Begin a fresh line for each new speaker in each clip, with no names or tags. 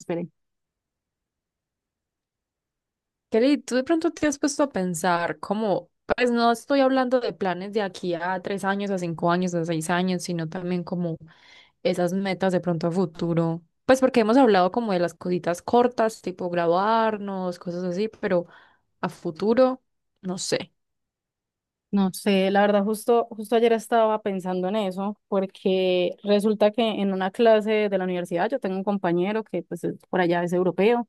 Espere.
Kelly, tú de pronto te has puesto a pensar como, pues no estoy hablando de planes de aquí a 3 años, a 5 años, a 6 años, sino también como esas metas de pronto a futuro. Pues porque hemos hablado como de las cositas cortas, tipo graduarnos, cosas así, pero a futuro, no sé.
No sé, la verdad, justo ayer estaba pensando en eso, porque resulta que en una clase de la universidad yo tengo un compañero que pues por allá es europeo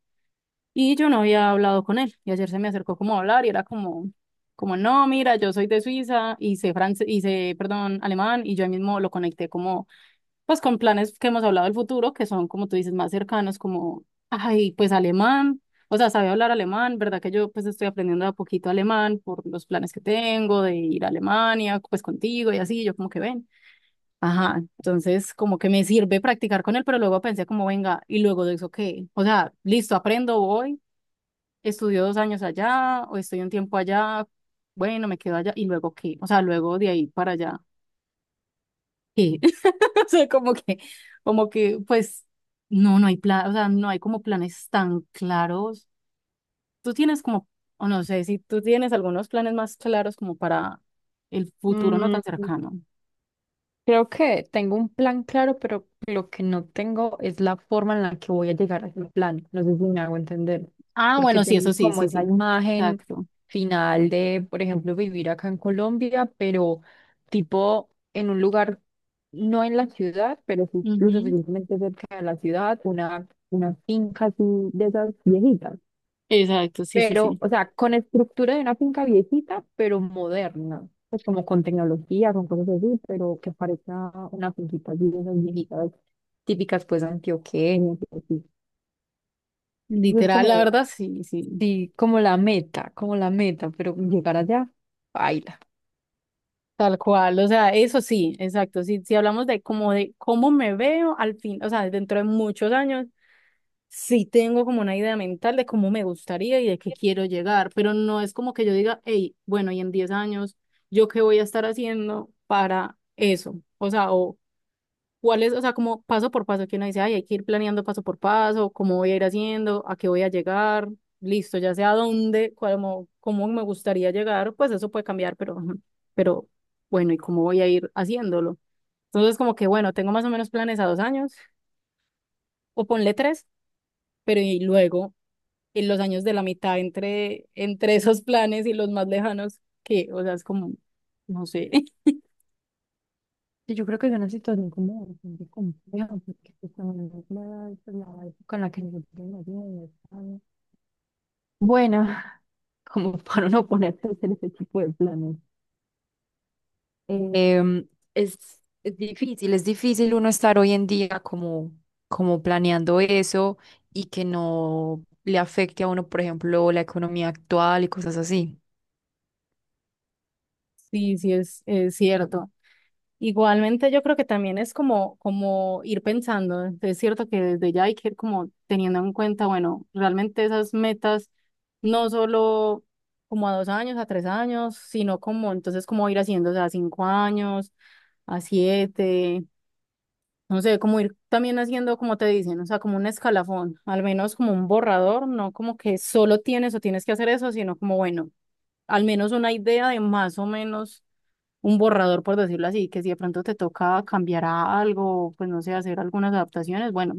y yo no había hablado con él y ayer se me acercó como a hablar y era como no, mira, yo soy de Suiza y sé francés, y sé, perdón, alemán y yo ahí mismo lo conecté como pues con planes que hemos hablado del futuro, que son, como tú dices, más cercanos, como, ay, pues alemán, o sea, sabe hablar alemán, ¿verdad? Que yo pues estoy aprendiendo de a poquito alemán por los planes que tengo de ir a Alemania, pues contigo y así, yo como que ven. Ajá, entonces como que me sirve practicar con él, pero luego pensé como, venga, y luego de eso, ¿qué? O sea, listo, aprendo, voy, estudio 2 años allá, o estoy un tiempo allá, bueno, me quedo allá, y luego, ¿qué? O sea, luego de ahí para allá, ¿qué? O sea, como que, pues, no, no hay plan, o sea, no hay como planes tan claros. Tú tienes como, o no sé, si tú tienes algunos planes más claros como para el futuro no
Mm,
tan cercano.
Creo que tengo un plan claro, pero lo que no tengo es la forma en la que voy a llegar a ese plan. No sé si me hago entender,
Ah,
porque
bueno, sí, eso
tengo
sí,
como
sí,
esa
sí.
imagen
Exacto.
final de, por ejemplo, vivir acá en Colombia, pero tipo en un lugar, no en la ciudad, pero sí lo
Ujú.
suficientemente cerca de la ciudad, una finca así de esas viejitas
Exacto, sí, sí,
pero,
sí.
o sea, con estructura de una finca viejita, pero moderna, pues como con tecnología, con cosas así, pero que parezca una finquita así, de esas viejitas típicas, pues, antioqueñas, y así. Eso es
Literal, la
como,
verdad, sí, sí.
sí, como la meta, pero llegar allá, baila.
Tal cual, o sea, eso sí, exacto. Si, si hablamos de como de cómo me veo al fin, o sea, dentro de muchos años, sí tengo como una idea mental de cómo me gustaría y de qué quiero llegar, pero no es como que yo diga, hey, bueno, y en 10 años, ¿yo qué voy a estar haciendo para eso? O sea, o cuál es, o sea, como paso por paso, que uno dice, ay, hay que ir planeando paso por paso, cómo voy a ir haciendo, a qué voy a llegar, listo, ya sé a dónde, cómo, cómo me gustaría llegar, pues eso puede cambiar, pero, ujú, pero bueno, ¿y cómo voy a ir haciéndolo? Entonces, como que, bueno, tengo más o menos planes a 2 años, o ponle tres, pero y luego en los años de la mitad entre esos planes y los más lejanos, que, o sea, es como, no sé.
Sí, yo creo que es una situación como bastante compleja, porque pues, también es la época en la que nosotros nacimos, es buena como para uno ponerse a hacer ese tipo de planes. Em, es, es difícil, es difícil uno estar hoy en día como planeando eso y que no le afecte a uno, por ejemplo, la economía actual y cosas así.
Sí, sí es cierto. Igualmente yo creo que también es como, como ir pensando, es cierto que desde ya hay que ir como teniendo en cuenta, bueno, realmente esas metas, no solo como a 2 años, a 3 años, sino como entonces como ir haciendo, o sea, a 5 años, a siete. No sé, como ir también haciendo, como te dicen, o sea, como un escalafón, al menos como un borrador, no como que solo tienes o tienes que hacer eso, sino como, bueno, al menos una idea de más o menos un borrador, por decirlo así, que si de pronto te toca cambiar a algo, pues no sé, hacer algunas adaptaciones, bueno,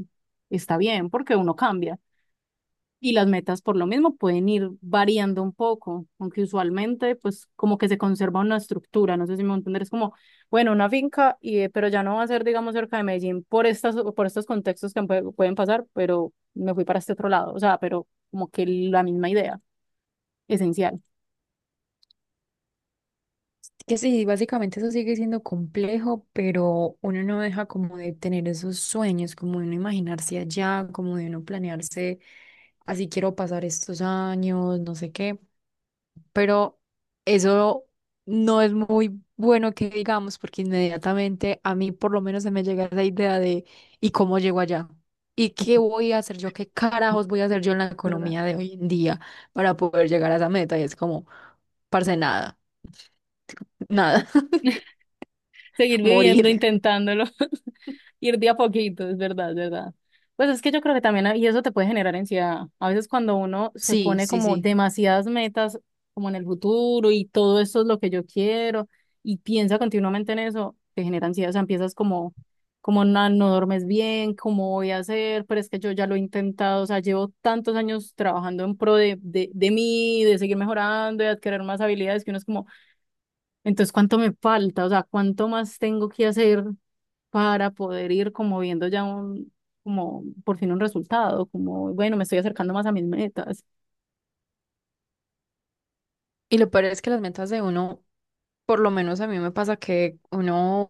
está bien, porque uno cambia. Y las metas por lo mismo pueden ir variando un poco, aunque usualmente pues como que se conserva una estructura, no sé si me entender, es como, bueno, una finca, y, pero ya no va a ser, digamos, cerca de Medellín por estas, por estos contextos que pueden pasar, pero me fui para este otro lado, o sea, pero como que la misma idea, esencial.
Que sí, básicamente eso sigue siendo complejo, pero uno no deja como de tener esos sueños, como de uno imaginarse allá, como de uno planearse, así quiero pasar estos años, no sé qué. Pero eso no es muy bueno que digamos, porque inmediatamente a mí por lo menos se me llega esa idea de ¿y cómo llego allá? ¿Y qué voy a hacer yo? ¿Qué carajos voy a hacer yo en la
¿Verdad?
economía de hoy en día para poder llegar a esa meta? Y es como, parce, nada, nada,
Seguir viviendo,
morir.
intentándolo. Ir de a poquito, es verdad, es verdad. Pues es que yo creo que también, y eso te puede generar ansiedad. A veces cuando uno se
Sí,
pone
sí,
como
sí.
demasiadas metas, como en el futuro, y todo esto es lo que yo quiero, y piensa continuamente en eso, te genera ansiedad, o sea, empiezas como, como no, no duermes bien, cómo voy a hacer, pero es que yo ya lo he intentado, o sea, llevo tantos años trabajando en pro de mí, de seguir mejorando, de adquirir más habilidades, que uno es como entonces, ¿cuánto me falta? O sea, ¿cuánto más tengo que hacer para poder ir como viendo ya un, como por fin un resultado? Como, bueno, me estoy acercando más a mis metas.
Y lo peor es que las metas de uno, por lo menos a mí me pasa que uno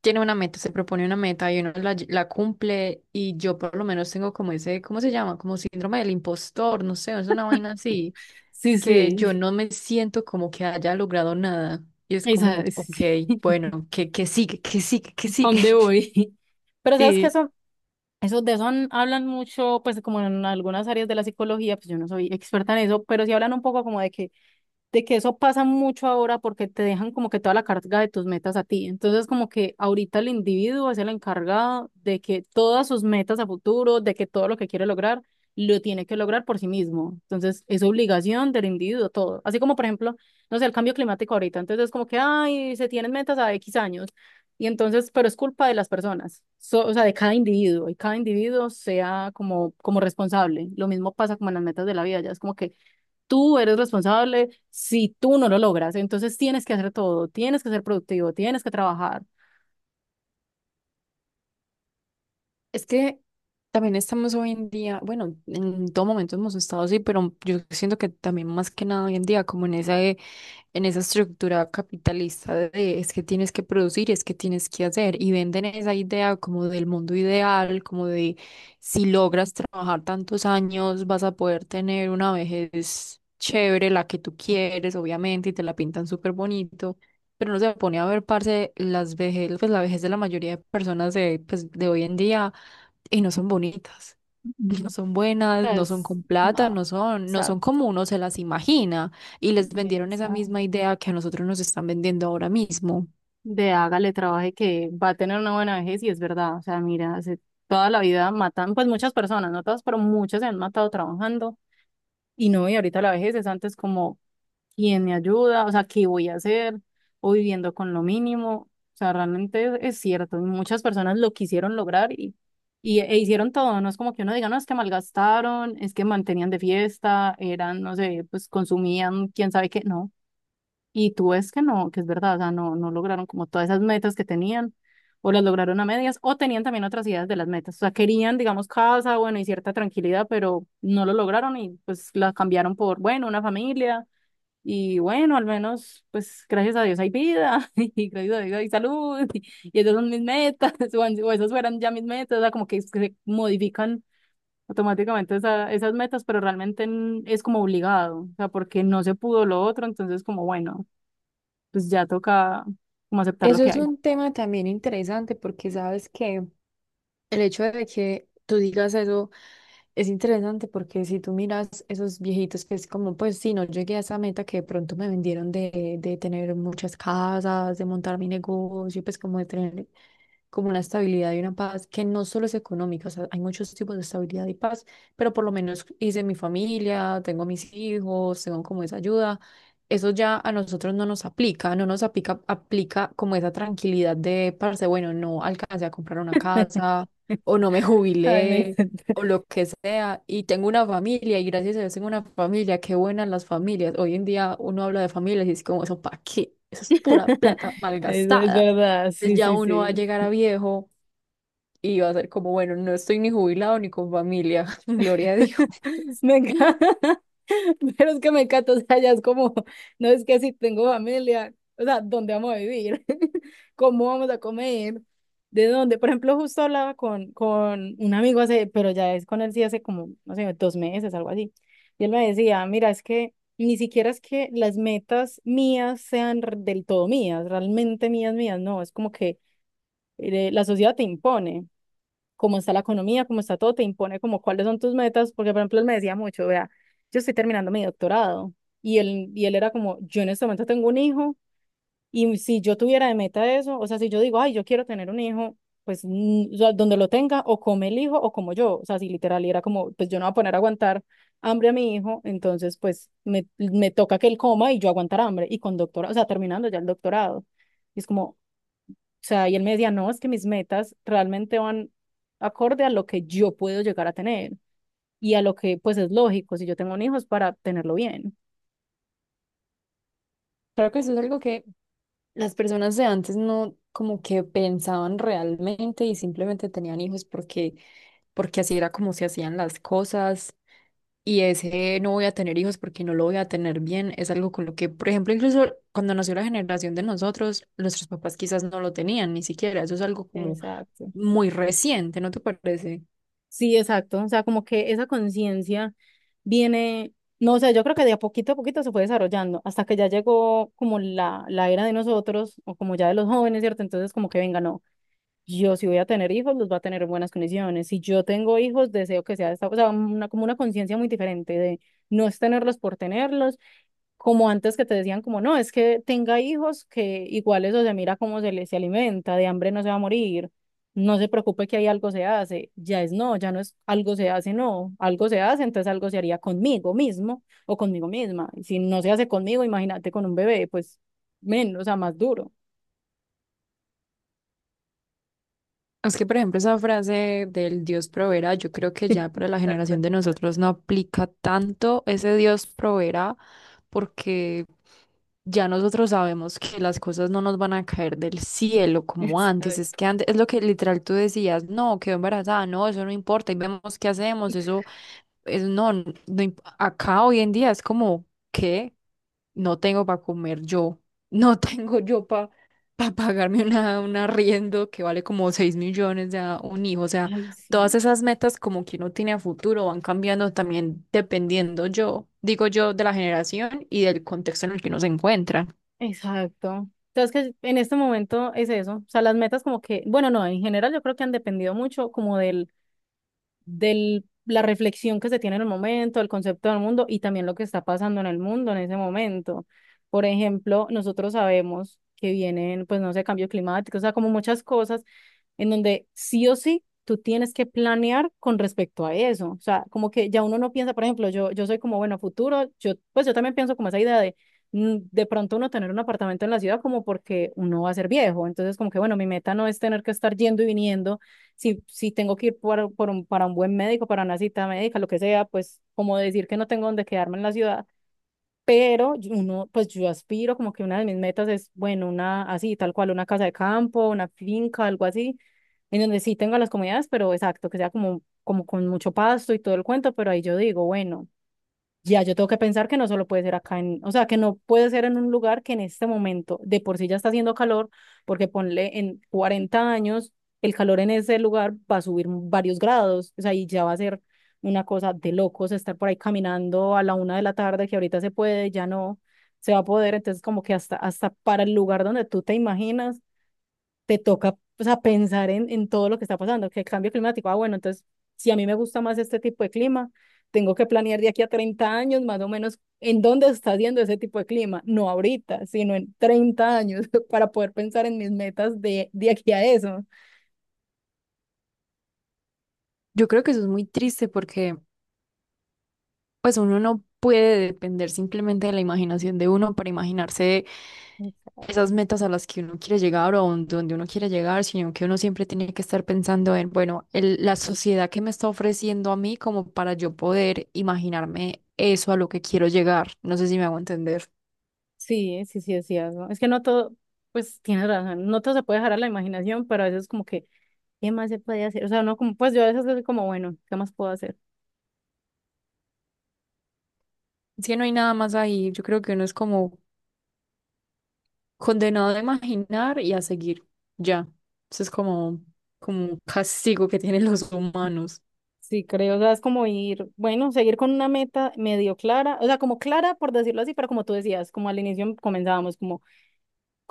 tiene una meta, se propone una meta y uno la cumple y yo por lo menos tengo como ese, ¿cómo se llama? Como síndrome del impostor, no sé, es una vaina así,
Sí,
que
sí.
yo no me siento como que haya logrado nada. Y es
Esa,
como,
sí,
ok,
sí.
bueno, que sigue, que sigue, que
¿Para
sigue.
dónde voy? Pero sabes que
Sí.
eso de eso hablan mucho, pues como en algunas áreas de la psicología, pues yo no soy experta en eso, pero sí hablan un poco como de que eso pasa mucho ahora porque te dejan como que toda la carga de tus metas a ti. Entonces, como que ahorita el individuo es el encargado de que todas sus metas a futuro, de que todo lo que quiere lograr, lo tiene que lograr por sí mismo. Entonces, es obligación del individuo todo. Así como, por ejemplo, no sé, el cambio climático ahorita. Entonces, es como que, ay, se tienen metas a X años. Y entonces, pero es culpa de las personas, o sea, de cada individuo, y cada individuo sea como, como responsable. Lo mismo pasa como en las metas de la vida, ya es como que tú eres responsable si tú no lo logras. Entonces tienes que hacer todo, tienes que ser productivo, tienes que trabajar.
Es que también estamos hoy en día, bueno, en todo momento hemos estado así, pero yo siento que también más que nada hoy en día, como en esa, en esa estructura capitalista de es que tienes que producir, es que tienes que hacer, y venden esa idea como del mundo ideal, como de si logras trabajar tantos años, vas a poder tener una vejez chévere, la que tú quieres, obviamente, y te la pintan súper bonito. Pero no se pone a ver, parce, las vejez, pues la vejez de la mayoría de personas de hoy en día y no son bonitas,
Mm.
no son buenas, no son
Pues,
con plata,
no,
no son, no
sea,
son como uno se las imagina y les
o
vendieron esa
sea,
misma idea que a nosotros nos están vendiendo ahora mismo.
de hágale trabaje que va a tener una buena vejez y es verdad. O sea, mira, hace toda la vida matan, pues muchas personas, no todas, pero muchas se han matado trabajando. Y no, y ahorita la vejez es antes como quién me ayuda, o sea, qué voy a hacer, o viviendo con lo mínimo. O sea, realmente es cierto, y muchas personas lo quisieron lograr y e hicieron todo, no es como que uno diga, no, es que malgastaron, es que mantenían de fiesta, eran, no sé, pues consumían, quién sabe qué, no. Y tú ves que no, que es verdad, o sea, no, no lograron como todas esas metas que tenían, o las lograron a medias, o tenían también otras ideas de las metas, o sea, querían, digamos, casa, bueno, y cierta tranquilidad, pero no lo lograron y pues la cambiaron por, bueno, una familia y bueno, al menos, pues gracias a Dios hay vida y gracias a Dios hay salud y esas son mis metas. O esas fueran ya mis metas, o sea, como que, es que se modifican automáticamente esas metas, pero realmente es como obligado, o sea, porque no se pudo lo otro, entonces como bueno, pues ya toca como aceptar lo
Eso
que
es
hay.
un tema también interesante porque sabes que el hecho de que tú digas eso es interesante porque si tú miras esos viejitos que es como, pues sí, no llegué a esa meta que de pronto me vendieron de tener muchas casas, de montar mi negocio, pues como de tener como una estabilidad y una paz que no solo es económica, o sea, hay muchos tipos de estabilidad y paz, pero por lo menos hice mi familia, tengo mis hijos, tengo como esa ayuda. Eso ya a nosotros no nos aplica, no nos aplica, aplica como esa tranquilidad de, parce, bueno, no alcancé a comprar una casa o no me
Ay, me
jubilé
encanta.
o lo que sea, y tengo una familia, y gracias a Dios tengo una familia, qué buenas las familias. Hoy en día uno habla de familias y es como, ¿eso para qué? Eso es pura plata
Eso es
malgastada,
verdad,
pues
sí,
ya
sí,
uno va a
sí.
llegar a viejo y va a ser como, bueno, no estoy ni jubilado ni con familia, gloria a Dios.
Me encanta. Pero es que me encanta, o sea, ya es como, no es que si tengo familia, o sea, ¿dónde vamos a vivir? ¿Cómo vamos a comer? ¿De dónde? Por ejemplo, justo hablaba con un amigo hace, pero ya es con él sí hace como, no sé, 2 meses, algo así. Y él me decía, mira, es que ni siquiera es que las metas mías sean del todo mías, realmente mías, mías, no, es como que la sociedad te impone cómo está la economía, cómo está todo, te impone como cuáles son tus metas, porque por ejemplo él me decía mucho, vea, yo estoy terminando mi doctorado y él era como, yo en este momento tengo un hijo y si yo tuviera de meta eso, o sea, si yo digo, ay, yo quiero tener un hijo, pues o sea, donde lo tenga, o come el hijo o como yo, o sea, si literal y era como, pues yo no voy a poner a aguantar hambre a mi hijo, entonces pues me toca que él coma y yo aguantar hambre y con doctorado, o sea, terminando ya el doctorado. Y es como, o sea, y él me decía, no, es que mis metas realmente van acorde a lo que yo puedo llegar a tener y a lo que pues es lógico si yo tengo un hijo es para tenerlo bien.
Creo que eso es algo que las personas de antes no como que pensaban realmente y simplemente tenían hijos porque, porque así era como se hacían las cosas. Y ese no voy a tener hijos porque no lo voy a tener bien es algo con lo que, por ejemplo, incluso cuando nació la generación de nosotros, nuestros papás quizás no lo tenían ni siquiera. Eso es algo como
Exacto.
muy reciente, ¿no te parece?
Sí, exacto. O sea, como que esa conciencia viene, no, o sea, yo creo que de a poquito se fue desarrollando hasta que ya llegó como la era de nosotros o como ya de los jóvenes, ¿cierto? Entonces como que venga, no. Yo si voy a tener hijos, los va a tener en buenas condiciones. Si yo tengo hijos, deseo que sea de esta, o sea, una, como una conciencia muy diferente de no es tenerlos por tenerlos, como antes que te decían como no, es que tenga hijos que igual eso se mira cómo se les se alimenta, de hambre no se va a morir, no se preocupe que ahí algo se hace, ya es no, ya no es algo se hace, no, algo se hace, entonces algo se haría conmigo mismo o conmigo misma. Y si no se hace conmigo, imagínate con un bebé, pues menos, o sea, más duro.
Es que, por ejemplo, esa frase del Dios proveerá, yo creo que ya para la
Tal
generación
cual.
de nosotros no aplica tanto ese Dios proveerá, porque ya nosotros sabemos que las cosas no nos van a caer del cielo como antes. Es
Exacto.
que antes, es lo que literal tú decías, no, quedó embarazada, no, eso no importa, y vemos qué hacemos, eso no acá hoy en día es como que no tengo para comer yo, no tengo yo para pagarme una, un arriendo que vale como 6 millones de a un hijo. O sea,
Ay,
todas
sí.
esas metas como que uno tiene a futuro van cambiando también dependiendo yo, digo yo, de la generación y del contexto en el que uno se encuentra.
Exacto. Entonces que en este momento es eso, o sea, las metas como que, bueno, no, en general yo creo que han dependido mucho como del de la reflexión que se tiene en el momento, el concepto del mundo y también lo que está pasando en el mundo en ese momento. Por ejemplo, nosotros sabemos que vienen, pues no sé, cambios climáticos, o sea, como muchas cosas en donde sí o sí tú tienes que planear con respecto a eso. O sea, como que ya uno no piensa, por ejemplo, yo soy como, bueno, futuro, yo, pues yo también pienso como esa idea de de pronto uno tener un apartamento en la ciudad como porque uno va a ser viejo. Entonces, como que, bueno, mi meta no es tener que estar yendo y viniendo. Si tengo que ir por para un buen médico, para una cita médica, lo que sea, pues como decir que no tengo donde quedarme en la ciudad pero uno, pues yo aspiro, como que una de mis metas es, bueno, una así, tal cual, una casa de campo, una finca, algo así, en donde sí tenga las comodidades, pero exacto, que sea como, como con mucho pasto y todo el cuento, pero ahí yo digo, bueno. Ya, yo tengo que pensar que no solo puede ser acá en, o sea, que no puede ser en un lugar que en este momento de por sí ya está haciendo calor, porque ponle en 40 años, el calor en ese lugar va a subir varios grados, o sea, y ya va a ser una cosa de locos estar por ahí caminando a la 1 de la tarde, que ahorita se puede, ya no se va a poder, entonces como que hasta para el lugar donde tú te imaginas, te toca o sea, pensar en todo lo que está pasando, que el cambio climático, ah, bueno, entonces, si a mí me gusta más este tipo de clima, tengo que planear de aquí a 30 años más o menos en dónde está haciendo ese tipo de clima, no ahorita, sino en 30 años para poder pensar en mis metas de aquí a eso.
Yo creo que eso es muy triste porque pues uno no puede depender simplemente de la imaginación de uno para imaginarse esas metas a las que uno quiere llegar o donde uno quiere llegar, sino que uno siempre tiene que estar pensando en, bueno, la sociedad que me está ofreciendo a mí como para yo poder imaginarme eso a lo que quiero llegar. No sé si me hago entender.
Sí, sí, sí, es cierto. Es que no todo, pues tienes razón, no todo se puede dejar a la imaginación, pero a veces como que, ¿qué más se puede hacer? O sea, no como, pues yo a veces soy como, bueno, ¿qué más puedo hacer?
Si no hay nada más ahí, yo creo que uno es como condenado a imaginar y a seguir. Ya. Eso es como, como un castigo que tienen los humanos.
Sí, creo, o sea, es como ir, bueno, seguir con una meta medio clara, o sea, como clara por decirlo así, pero como tú decías, como al inicio comenzábamos, como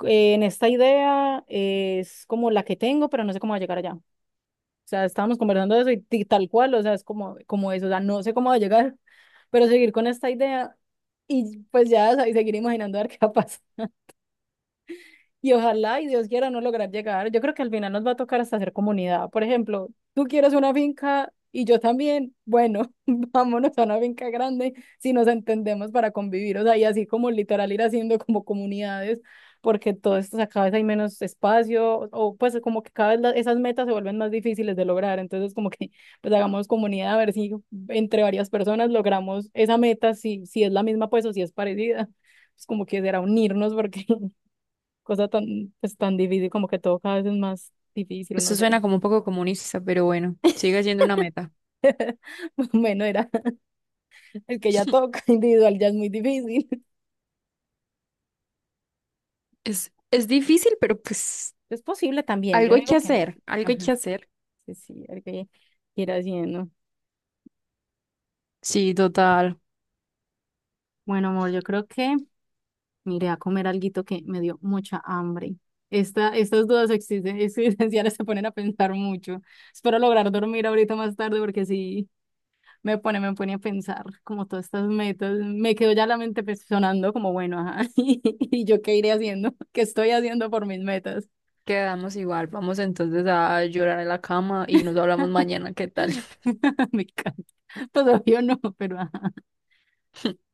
en esta idea es como la que tengo, pero no sé cómo va a llegar allá. O sea, estábamos conversando de eso y, tal cual, o sea, es como, como eso, o sea, no sé cómo va a llegar, pero seguir con esta idea y pues ya, o sea, y seguir imaginando a ver qué va a pasar y ojalá y Dios quiera no lograr llegar. Yo creo que al final nos va a tocar hasta hacer comunidad. Por ejemplo, tú quieres una finca y yo también. Bueno, vámonos a una finca grande si nos entendemos para convivir. O sea, y así como literal ir haciendo como comunidades, porque todo esto o sea, cada vez hay menos espacio pues como que cada vez esas metas se vuelven más difíciles de lograr. Entonces como que pues hagamos comunidad a ver si entre varias personas logramos esa meta, si es la misma pues o si es parecida. Pues como que será unirnos porque cosa tan, pues, tan difícil, como que todo cada vez es más difícil, no
Eso
sé.
suena como un poco comunista, pero bueno, sigue siendo una meta.
Bueno, era el que ya toca individual, ya es muy difícil.
Es difícil, pero pues
Es posible también, yo
algo
no
hay que
digo que no.
hacer, algo hay
Ajá,
que hacer.
sí, sí, el que quiera haciendo.
Sí, total.
Bueno, amor, yo creo que me iré a comer alguito que me dio mucha hambre. Estas dudas existen, existenciales se ponen a pensar mucho. Espero lograr dormir ahorita más tarde porque sí. Me pone a pensar como todas estas metas. Me quedó ya la mente pues, sonando como, bueno, ajá, ¿y yo qué iré haciendo? ¿Qué estoy haciendo por mis metas?
Quedamos igual. Vamos entonces a llorar en la cama y nos hablamos mañana. ¿Qué tal?
Me encanta. Pues obvio no, pero ajá.